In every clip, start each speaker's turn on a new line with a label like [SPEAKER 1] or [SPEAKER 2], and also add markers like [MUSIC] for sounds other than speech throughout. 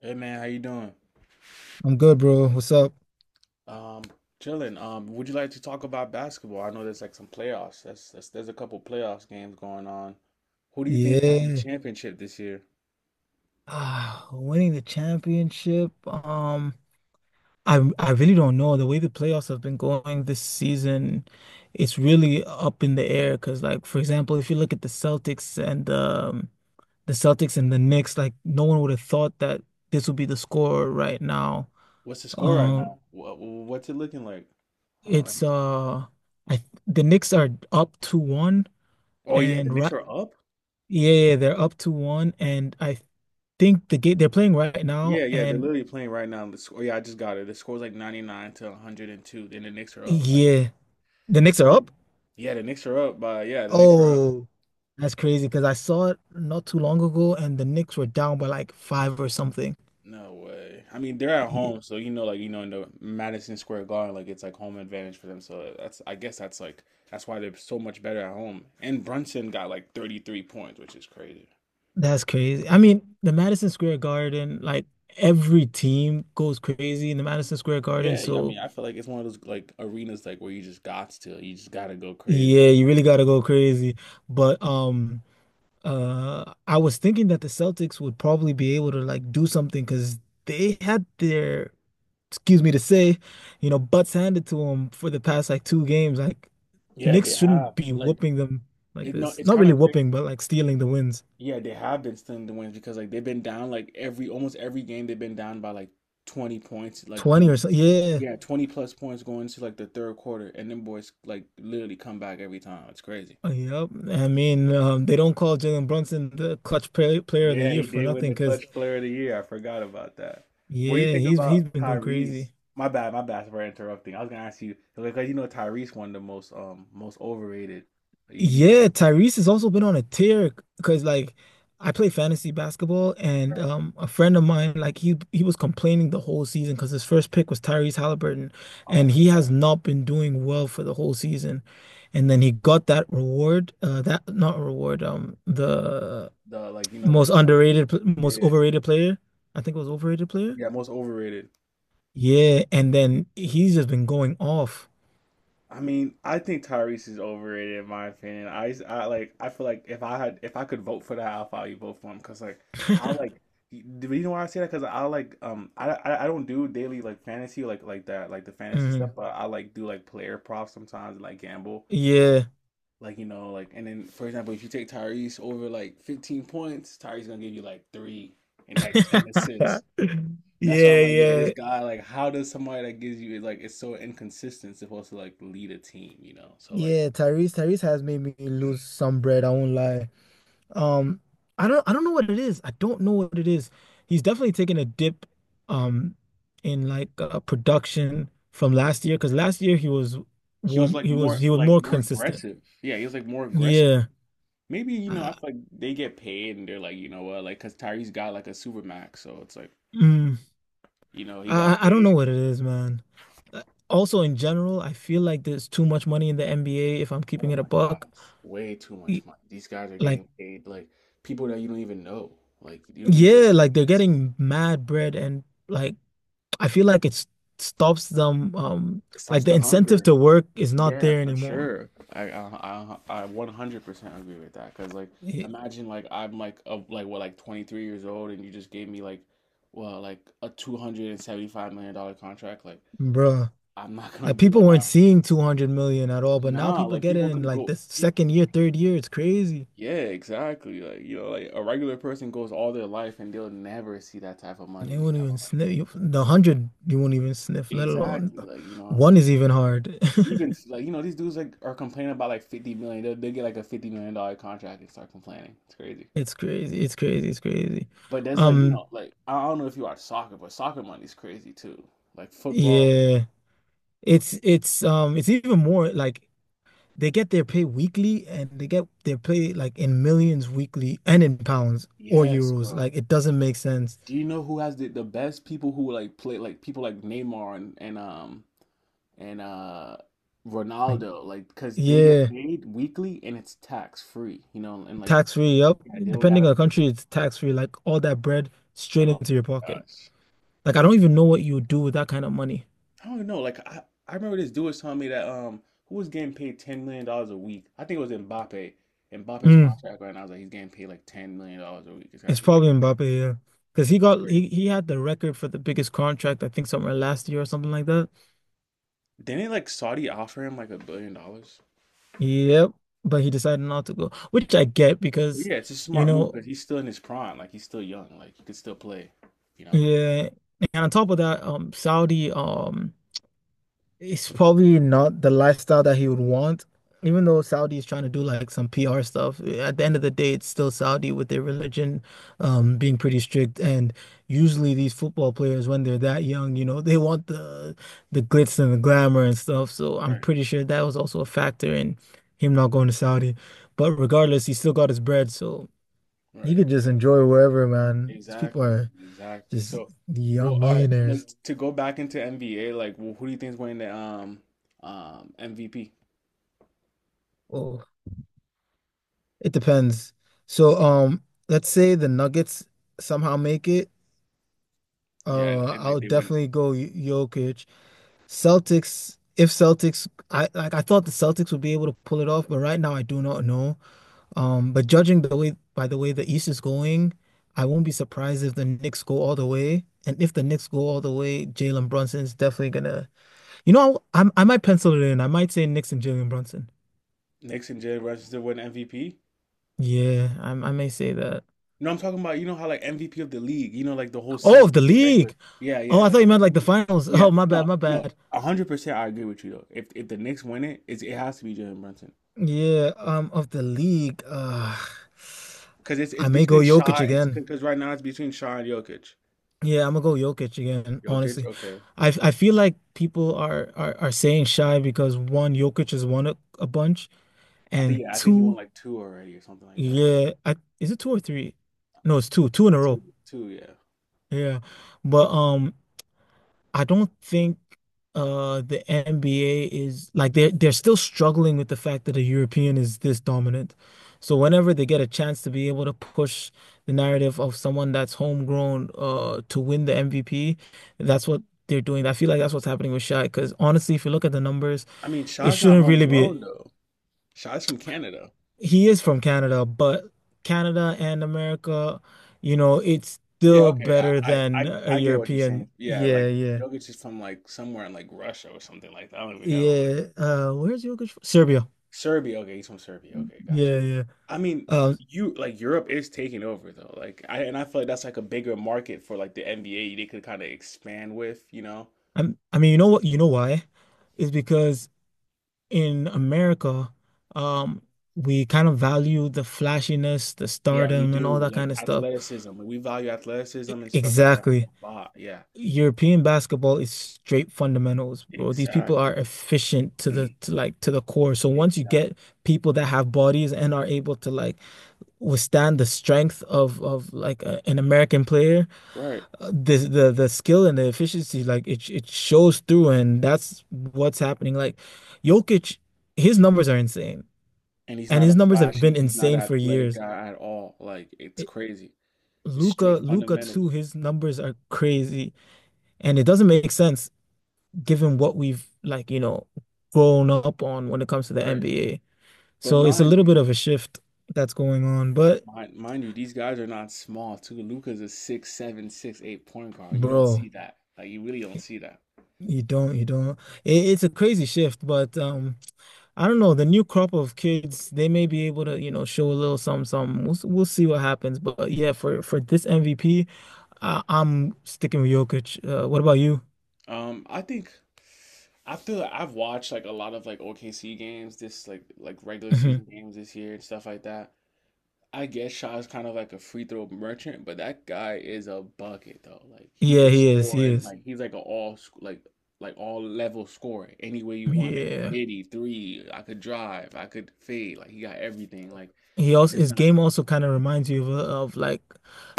[SPEAKER 1] Hey man, how you doing?
[SPEAKER 2] I'm good, bro. What's up?
[SPEAKER 1] Um, Chilling. Would you like to talk about basketball? I know there's like some playoffs. That's There's a couple playoffs games going on. Who do you think is winning the
[SPEAKER 2] Yeah.
[SPEAKER 1] championship this year?
[SPEAKER 2] Ah, winning the championship. I really don't know. The way the playoffs have been going this season, it's really up in the air. Cause like, for example, if you look at the Celtics and the Celtics and the Knicks, like no one would have thought that this would be the score right now.
[SPEAKER 1] What's the score right
[SPEAKER 2] Um,
[SPEAKER 1] now? What's it looking like? Uh,
[SPEAKER 2] it's
[SPEAKER 1] let's-
[SPEAKER 2] I the Knicks are up to one
[SPEAKER 1] oh yeah, the
[SPEAKER 2] and
[SPEAKER 1] Knicks
[SPEAKER 2] right.
[SPEAKER 1] are up.
[SPEAKER 2] Yeah, yeah, yeah, they're up to one, and I think the game they're playing right now,
[SPEAKER 1] Yeah, yeah, they're
[SPEAKER 2] and
[SPEAKER 1] literally playing right now. The score, yeah, I just got it. The score's like 99 to 102. Then the Knicks are up. Like,
[SPEAKER 2] yeah, the Knicks are
[SPEAKER 1] mm,
[SPEAKER 2] up.
[SPEAKER 1] yeah, the Knicks are up by yeah, the Knicks are up.
[SPEAKER 2] Oh, that's crazy because I saw it not too long ago, and the Knicks were down by like five or something.
[SPEAKER 1] No way. I mean, they're at
[SPEAKER 2] Yeah,
[SPEAKER 1] home, so like in the Madison Square Garden, like it's like home advantage for them. So that's, I guess, that's why they're so much better at home. And Brunson got like 33 points, which is crazy.
[SPEAKER 2] that's crazy. I mean, the Madison Square Garden, like every team goes crazy in the Madison Square Garden,
[SPEAKER 1] Yeah, I
[SPEAKER 2] so
[SPEAKER 1] mean, I feel like it's one of those like arenas like where you just gotta go crazy.
[SPEAKER 2] yeah, you really gotta go crazy. But I was thinking that the Celtics would probably be able to like do something because they had their excuse me to say, butts handed to them for the past like two games. Like
[SPEAKER 1] Yeah, they
[SPEAKER 2] Knicks
[SPEAKER 1] have
[SPEAKER 2] shouldn't be
[SPEAKER 1] like
[SPEAKER 2] whooping them like
[SPEAKER 1] it. No,
[SPEAKER 2] this.
[SPEAKER 1] it's
[SPEAKER 2] Not
[SPEAKER 1] kind
[SPEAKER 2] really
[SPEAKER 1] of
[SPEAKER 2] whooping,
[SPEAKER 1] crazy.
[SPEAKER 2] but like stealing the wins.
[SPEAKER 1] Yeah, they have been stealing the wins because like they've been down like every almost every game they've been down by like 20 points like
[SPEAKER 2] 20 or
[SPEAKER 1] going
[SPEAKER 2] so. Yeah.
[SPEAKER 1] yeah, 20 plus points going to like the third quarter, and then boys like literally come back every time. It's crazy.
[SPEAKER 2] Yep. I mean, they don't call Jalen Brunson the clutch play, player of the
[SPEAKER 1] Yeah,
[SPEAKER 2] year
[SPEAKER 1] he
[SPEAKER 2] for
[SPEAKER 1] did win
[SPEAKER 2] nothing
[SPEAKER 1] the clutch
[SPEAKER 2] because,
[SPEAKER 1] player of the year. I forgot about that. What do you
[SPEAKER 2] yeah,
[SPEAKER 1] think
[SPEAKER 2] he's
[SPEAKER 1] about
[SPEAKER 2] been going
[SPEAKER 1] Tyrese?
[SPEAKER 2] crazy.
[SPEAKER 1] My bad for interrupting. I was gonna ask you because you know Tyrese won the most most overrated. Like, You do you think,
[SPEAKER 2] Yeah, Tyrese has also been on a tear because like I play fantasy basketball and
[SPEAKER 1] right?
[SPEAKER 2] a friend of mine like he was complaining the whole season because his first pick was Tyrese Halliburton
[SPEAKER 1] Oh
[SPEAKER 2] and
[SPEAKER 1] my
[SPEAKER 2] he has
[SPEAKER 1] God,
[SPEAKER 2] not been doing well for the whole season. And then he got that reward that not reward
[SPEAKER 1] the
[SPEAKER 2] the
[SPEAKER 1] the like you know
[SPEAKER 2] most
[SPEAKER 1] like the,
[SPEAKER 2] underrated pl- most
[SPEAKER 1] yeah,
[SPEAKER 2] overrated player. I think it was overrated player.
[SPEAKER 1] yeah, most overrated.
[SPEAKER 2] Yeah, and then he's just been going off.
[SPEAKER 1] I mean, I think Tyrese is overrated in my opinion. I like, I feel like if I could vote for that, I'll probably vote for him because like, I like, you you know why I say that? Because I like, I don't do daily like fantasy that like the fantasy stuff,
[SPEAKER 2] Mhm.
[SPEAKER 1] but I like do like player props sometimes and like gamble,
[SPEAKER 2] Yeah.
[SPEAKER 1] like you know like and then for example, if you take Tyrese over like 15 points, Tyrese gonna give you like three and like 10 assists.
[SPEAKER 2] [LAUGHS]
[SPEAKER 1] That's why
[SPEAKER 2] Yeah,
[SPEAKER 1] I'm like, yo,
[SPEAKER 2] yeah.
[SPEAKER 1] this guy, like, how does somebody that gives you like it's so inconsistent supposed to like lead a team, you know? So like
[SPEAKER 2] Yeah, Tyrese has made me lose some bread, I won't lie. Um, I don't know what it is. I don't know what it is. He's definitely taken a dip um in like production from last year because last year he was
[SPEAKER 1] he was
[SPEAKER 2] warm
[SPEAKER 1] like
[SPEAKER 2] he was
[SPEAKER 1] more
[SPEAKER 2] he was
[SPEAKER 1] like
[SPEAKER 2] more
[SPEAKER 1] more
[SPEAKER 2] consistent.
[SPEAKER 1] aggressive. Yeah, he was like more aggressive.
[SPEAKER 2] Yeah.
[SPEAKER 1] Maybe, you know, I
[SPEAKER 2] Uh,
[SPEAKER 1] feel like they get paid and they're like, you know what, like because Tyrese got like a super max, so it's like,
[SPEAKER 2] mm,
[SPEAKER 1] he got
[SPEAKER 2] I don't know
[SPEAKER 1] paid.
[SPEAKER 2] what it is, man. Uh, Also in general, I feel like there's too much money in the NBA if I'm
[SPEAKER 1] Oh
[SPEAKER 2] keeping it a
[SPEAKER 1] my
[SPEAKER 2] buck.
[SPEAKER 1] gosh, way too
[SPEAKER 2] Y-
[SPEAKER 1] much money. These guys are
[SPEAKER 2] Like
[SPEAKER 1] getting paid like people that you don't even know. Like you don't even know their
[SPEAKER 2] yeah, like they're
[SPEAKER 1] names.
[SPEAKER 2] getting mad bread and like I feel like it s- stops them.
[SPEAKER 1] It
[SPEAKER 2] Like
[SPEAKER 1] stops
[SPEAKER 2] the
[SPEAKER 1] the
[SPEAKER 2] incentive
[SPEAKER 1] hunger.
[SPEAKER 2] to work is not
[SPEAKER 1] Yeah,
[SPEAKER 2] there
[SPEAKER 1] for
[SPEAKER 2] anymore.
[SPEAKER 1] sure. I 100% agree with that. Cause like,
[SPEAKER 2] It,
[SPEAKER 1] imagine like I'm like of like what like 23 years old, and you just gave me like, well like a $275 million contract. Like,
[SPEAKER 2] bruh.
[SPEAKER 1] I'm not gonna
[SPEAKER 2] Like
[SPEAKER 1] be
[SPEAKER 2] people
[SPEAKER 1] like, all
[SPEAKER 2] weren't
[SPEAKER 1] right,
[SPEAKER 2] seeing 200 million at all, but now
[SPEAKER 1] nah.
[SPEAKER 2] people
[SPEAKER 1] Like
[SPEAKER 2] get
[SPEAKER 1] people
[SPEAKER 2] it in
[SPEAKER 1] can
[SPEAKER 2] like
[SPEAKER 1] go
[SPEAKER 2] the
[SPEAKER 1] people.
[SPEAKER 2] second year, third year. It's crazy.
[SPEAKER 1] Yeah, exactly. Like you know, like a regular person goes all their life and they'll never see that type of
[SPEAKER 2] And
[SPEAKER 1] money.
[SPEAKER 2] they
[SPEAKER 1] You
[SPEAKER 2] won't
[SPEAKER 1] know,
[SPEAKER 2] even
[SPEAKER 1] like
[SPEAKER 2] sniff. You, the 100, you won't even sniff, let alone
[SPEAKER 1] exactly. Like you know,
[SPEAKER 2] one
[SPEAKER 1] like
[SPEAKER 2] is even hard.
[SPEAKER 1] even
[SPEAKER 2] [LAUGHS]
[SPEAKER 1] like you know these dudes like are complaining about like 50. They'll get like a $50 million contract and start complaining. It's crazy.
[SPEAKER 2] It's crazy. It's crazy. It's crazy.
[SPEAKER 1] But there's like, you
[SPEAKER 2] Um,
[SPEAKER 1] know, like I don't know if you watch soccer, but soccer money's crazy too. Like football.
[SPEAKER 2] yeah. It's even more like they get their pay weekly and they get their pay like in millions weekly and in pounds or
[SPEAKER 1] Yes,
[SPEAKER 2] euros.
[SPEAKER 1] bro.
[SPEAKER 2] Like it doesn't make sense.
[SPEAKER 1] Do you know who has the best people who like play like people like Neymar and
[SPEAKER 2] Like,
[SPEAKER 1] Ronaldo, like because they get
[SPEAKER 2] yeah,
[SPEAKER 1] paid weekly and it's tax free, you know, and like
[SPEAKER 2] tax free. Yep.
[SPEAKER 1] yeah, they don't
[SPEAKER 2] Depending
[SPEAKER 1] gotta
[SPEAKER 2] on the
[SPEAKER 1] pay.
[SPEAKER 2] country, it's tax free. Like all that bread straight
[SPEAKER 1] Oh
[SPEAKER 2] into your pocket.
[SPEAKER 1] gosh.
[SPEAKER 2] Like I don't even know what you would do with that kind of money.
[SPEAKER 1] I don't know. Like I remember this dude was telling me that who was getting paid $10 million a week. I think it was Mbappe. Mbappe's
[SPEAKER 2] Mm,
[SPEAKER 1] contract right now is like he's getting paid like $10 million a week.
[SPEAKER 2] it's probably Mbappe, yeah. Because
[SPEAKER 1] It's crazy.
[SPEAKER 2] he had the record for the biggest contract, I think somewhere last year or something like that.
[SPEAKER 1] Didn't like Saudi offer him like $1 billion?
[SPEAKER 2] Yep. But he decided not to go, which I get
[SPEAKER 1] But
[SPEAKER 2] because,
[SPEAKER 1] yeah, it's a
[SPEAKER 2] you
[SPEAKER 1] smart move
[SPEAKER 2] know,
[SPEAKER 1] because he's still in his prime. Like he's still young. Like he could still play. You know.
[SPEAKER 2] yeah, and on top of that, Saudi, it's probably not the lifestyle that he would want. Even though Saudi is trying to do like some PR stuff, at the end of the day, it's still Saudi with their religion, being pretty strict. And usually, these football players, when they're that young, you know, [LAUGHS] they want the glitz and the glamour and stuff. So I'm
[SPEAKER 1] Right.
[SPEAKER 2] pretty sure that was also a factor in him not going to Saudi. But regardless, he still got his bread, so he
[SPEAKER 1] Right.
[SPEAKER 2] could just enjoy wherever, man. These people
[SPEAKER 1] Exactly.
[SPEAKER 2] are.
[SPEAKER 1] Exactly.
[SPEAKER 2] Just
[SPEAKER 1] So, well,
[SPEAKER 2] young
[SPEAKER 1] all right. Like
[SPEAKER 2] millionaires.
[SPEAKER 1] to go back into NBA, like who do you think is winning the MVP?
[SPEAKER 2] Oh, it depends. So, let's say the Nuggets somehow make it.
[SPEAKER 1] Yeah, and like
[SPEAKER 2] I'll
[SPEAKER 1] they win.
[SPEAKER 2] definitely go Jokic. Celtics, if Celtics, I thought the Celtics would be able to pull it off, but right now I do not know. But judging the way by the way the East is going, I won't be surprised if the Knicks go all the way. And if the Knicks go all the way, Jalen Brunson is definitely gonna. You know, I might pencil it in. I might say Knicks and Jalen Brunson.
[SPEAKER 1] Knicks and Jalen Brunson still win MVP.
[SPEAKER 2] Yeah, I may say that.
[SPEAKER 1] You know, I'm talking about, you know how like MVP of the league, like the whole
[SPEAKER 2] Oh, of
[SPEAKER 1] season,
[SPEAKER 2] the
[SPEAKER 1] like, the regular.
[SPEAKER 2] league.
[SPEAKER 1] Yeah,
[SPEAKER 2] Oh,
[SPEAKER 1] yeah,
[SPEAKER 2] I thought
[SPEAKER 1] like
[SPEAKER 2] you
[SPEAKER 1] of the
[SPEAKER 2] meant like the
[SPEAKER 1] league.
[SPEAKER 2] finals.
[SPEAKER 1] Yeah,
[SPEAKER 2] Oh, my bad,
[SPEAKER 1] no,
[SPEAKER 2] my
[SPEAKER 1] no,
[SPEAKER 2] bad.
[SPEAKER 1] 100%. I agree with you though. If the Knicks win it, it has to be Jalen Brunson
[SPEAKER 2] Yeah, of the league.
[SPEAKER 1] because it's
[SPEAKER 2] I may go
[SPEAKER 1] between Shaw.
[SPEAKER 2] Jokic
[SPEAKER 1] It's
[SPEAKER 2] again.
[SPEAKER 1] because right now it's between Shaw and Jokic.
[SPEAKER 2] Yeah, I'm gonna go Jokic again,
[SPEAKER 1] Jokic,
[SPEAKER 2] honestly.
[SPEAKER 1] okay.
[SPEAKER 2] I feel like people are saying shy because one, Jokic has won a bunch,
[SPEAKER 1] I think,
[SPEAKER 2] and
[SPEAKER 1] yeah, I think he won
[SPEAKER 2] two,
[SPEAKER 1] like two already or something like that.
[SPEAKER 2] yeah, is it two or three? No, it's two, two in a row.
[SPEAKER 1] Two, two, yeah.
[SPEAKER 2] Yeah. But I don't think the NBA is like they're still struggling with the fact that a European is this dominant. So whenever they get a chance to be able to push the narrative of someone that's homegrown to win the MVP, that's what they're doing. I feel like that's what's happening with Shaq because honestly, if you look at the numbers,
[SPEAKER 1] I mean,
[SPEAKER 2] it
[SPEAKER 1] Shaw's not
[SPEAKER 2] shouldn't really
[SPEAKER 1] homegrown
[SPEAKER 2] be
[SPEAKER 1] though. Shaw's from Canada.
[SPEAKER 2] he is from Canada, but Canada and America, you know, it's
[SPEAKER 1] Yeah,
[SPEAKER 2] still
[SPEAKER 1] okay. I
[SPEAKER 2] better
[SPEAKER 1] I
[SPEAKER 2] than
[SPEAKER 1] I,
[SPEAKER 2] a
[SPEAKER 1] I get what you're
[SPEAKER 2] European.
[SPEAKER 1] saying. Yeah,
[SPEAKER 2] Yeah,
[SPEAKER 1] like
[SPEAKER 2] yeah.
[SPEAKER 1] Jokic is from like somewhere in like Russia or something like that. I don't even know.
[SPEAKER 2] Yeah, where's Uruguay? From? Serbia.
[SPEAKER 1] Serbia. Okay, he's from Serbia. Okay, gotcha.
[SPEAKER 2] Yeah, yeah.
[SPEAKER 1] I mean,
[SPEAKER 2] Um,
[SPEAKER 1] you like Europe is taking over though. Like I feel like that's like a bigger market for like the NBA they could kind of expand with, you know.
[SPEAKER 2] I mean, you know what? You know why? Is because in America, um, we kind of value the flashiness, the
[SPEAKER 1] Yeah, we
[SPEAKER 2] stardom, and all
[SPEAKER 1] do
[SPEAKER 2] that kind
[SPEAKER 1] like
[SPEAKER 2] of stuff.
[SPEAKER 1] athleticism. Like, we value athleticism and stuff like that
[SPEAKER 2] Exactly.
[SPEAKER 1] a lot. Yeah,
[SPEAKER 2] European basketball is straight fundamentals, bro. These people are
[SPEAKER 1] exactly.
[SPEAKER 2] efficient to the core. So once you
[SPEAKER 1] Exactly.
[SPEAKER 2] get people that have bodies and are able to like withstand the strength of like an American player.
[SPEAKER 1] Right.
[SPEAKER 2] The skill and the efficiency like it shows through and that's what's happening like Jokic his numbers are insane
[SPEAKER 1] And he's
[SPEAKER 2] and
[SPEAKER 1] not
[SPEAKER 2] his numbers have been
[SPEAKER 1] he's not an
[SPEAKER 2] insane for
[SPEAKER 1] athletic
[SPEAKER 2] years
[SPEAKER 1] guy at all. Like it's
[SPEAKER 2] it,
[SPEAKER 1] crazy. It's
[SPEAKER 2] Luca
[SPEAKER 1] straight
[SPEAKER 2] Luca too
[SPEAKER 1] fundamentals.
[SPEAKER 2] his numbers are crazy and it doesn't make sense given what we've like you know grown up on when it comes to the
[SPEAKER 1] Right.
[SPEAKER 2] NBA
[SPEAKER 1] But
[SPEAKER 2] so it's a
[SPEAKER 1] mind
[SPEAKER 2] little
[SPEAKER 1] you,
[SPEAKER 2] bit of a shift that's going on but
[SPEAKER 1] mind you, these guys are not small too. Luka's a 6'7", 6'8" point guard. You don't
[SPEAKER 2] bro
[SPEAKER 1] see that. Like you really don't see that.
[SPEAKER 2] you don't it's a crazy shift but I don't know, the new crop of kids, they may be able to, you know, show a little something, something. We'll see what happens. But yeah, for this MVP, am sticking with Jokic. What about you?
[SPEAKER 1] I think after I've watched like a lot of like OKC games, this regular
[SPEAKER 2] Hmm.
[SPEAKER 1] season games this year and stuff like that. I guess Shaw's kind of like a free throw merchant, but that guy is a bucket though. Like he
[SPEAKER 2] Yeah,
[SPEAKER 1] could
[SPEAKER 2] he is.
[SPEAKER 1] score
[SPEAKER 2] He
[SPEAKER 1] and
[SPEAKER 2] is.
[SPEAKER 1] like he's like a all sc- like all level scorer any way you want it.
[SPEAKER 2] Yeah.
[SPEAKER 1] Midi three, I could drive, I could fade. Like he got everything. Like
[SPEAKER 2] He also
[SPEAKER 1] it's
[SPEAKER 2] his
[SPEAKER 1] not.
[SPEAKER 2] game also kind of reminds you of like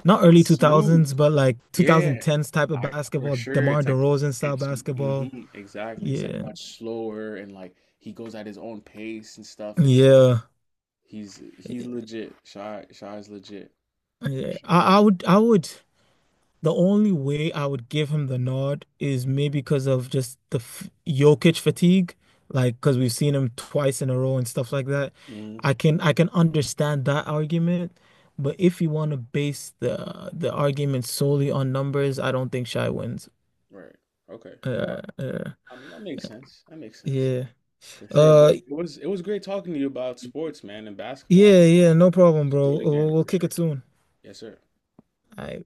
[SPEAKER 2] not
[SPEAKER 1] It's
[SPEAKER 2] early
[SPEAKER 1] smooth.
[SPEAKER 2] 2000s, but like
[SPEAKER 1] Yeah,
[SPEAKER 2] 2010s type of
[SPEAKER 1] I for
[SPEAKER 2] basketball,
[SPEAKER 1] sure.
[SPEAKER 2] DeMar
[SPEAKER 1] It's like
[SPEAKER 2] DeRozan style
[SPEAKER 1] it's hmm
[SPEAKER 2] basketball.
[SPEAKER 1] Exactly. It's like
[SPEAKER 2] Yeah.
[SPEAKER 1] much slower and like he goes at his own pace and stuff. It's
[SPEAKER 2] Yeah.
[SPEAKER 1] he's legit. Shy is legit for
[SPEAKER 2] Yeah.
[SPEAKER 1] sure.
[SPEAKER 2] I would the only way I would give him the nod is maybe because of just the f Jokic fatigue, like because we've seen him twice in a row and stuff like that.
[SPEAKER 1] Hmm.
[SPEAKER 2] I can understand that argument, but if you want to base the argument solely on numbers, I don't think Shy wins.
[SPEAKER 1] Right. Okay. All right.
[SPEAKER 2] Uh, uh,
[SPEAKER 1] I mean that makes sense. That makes sense
[SPEAKER 2] yeah.
[SPEAKER 1] for sure. But
[SPEAKER 2] Uh,
[SPEAKER 1] it was great talking to you about sports, man, and basketball.
[SPEAKER 2] yeah,
[SPEAKER 1] We
[SPEAKER 2] yeah. No problem,
[SPEAKER 1] should do it
[SPEAKER 2] bro.
[SPEAKER 1] again
[SPEAKER 2] We'll
[SPEAKER 1] for
[SPEAKER 2] kick
[SPEAKER 1] sure.
[SPEAKER 2] it soon.
[SPEAKER 1] Yes, sir.
[SPEAKER 2] All right.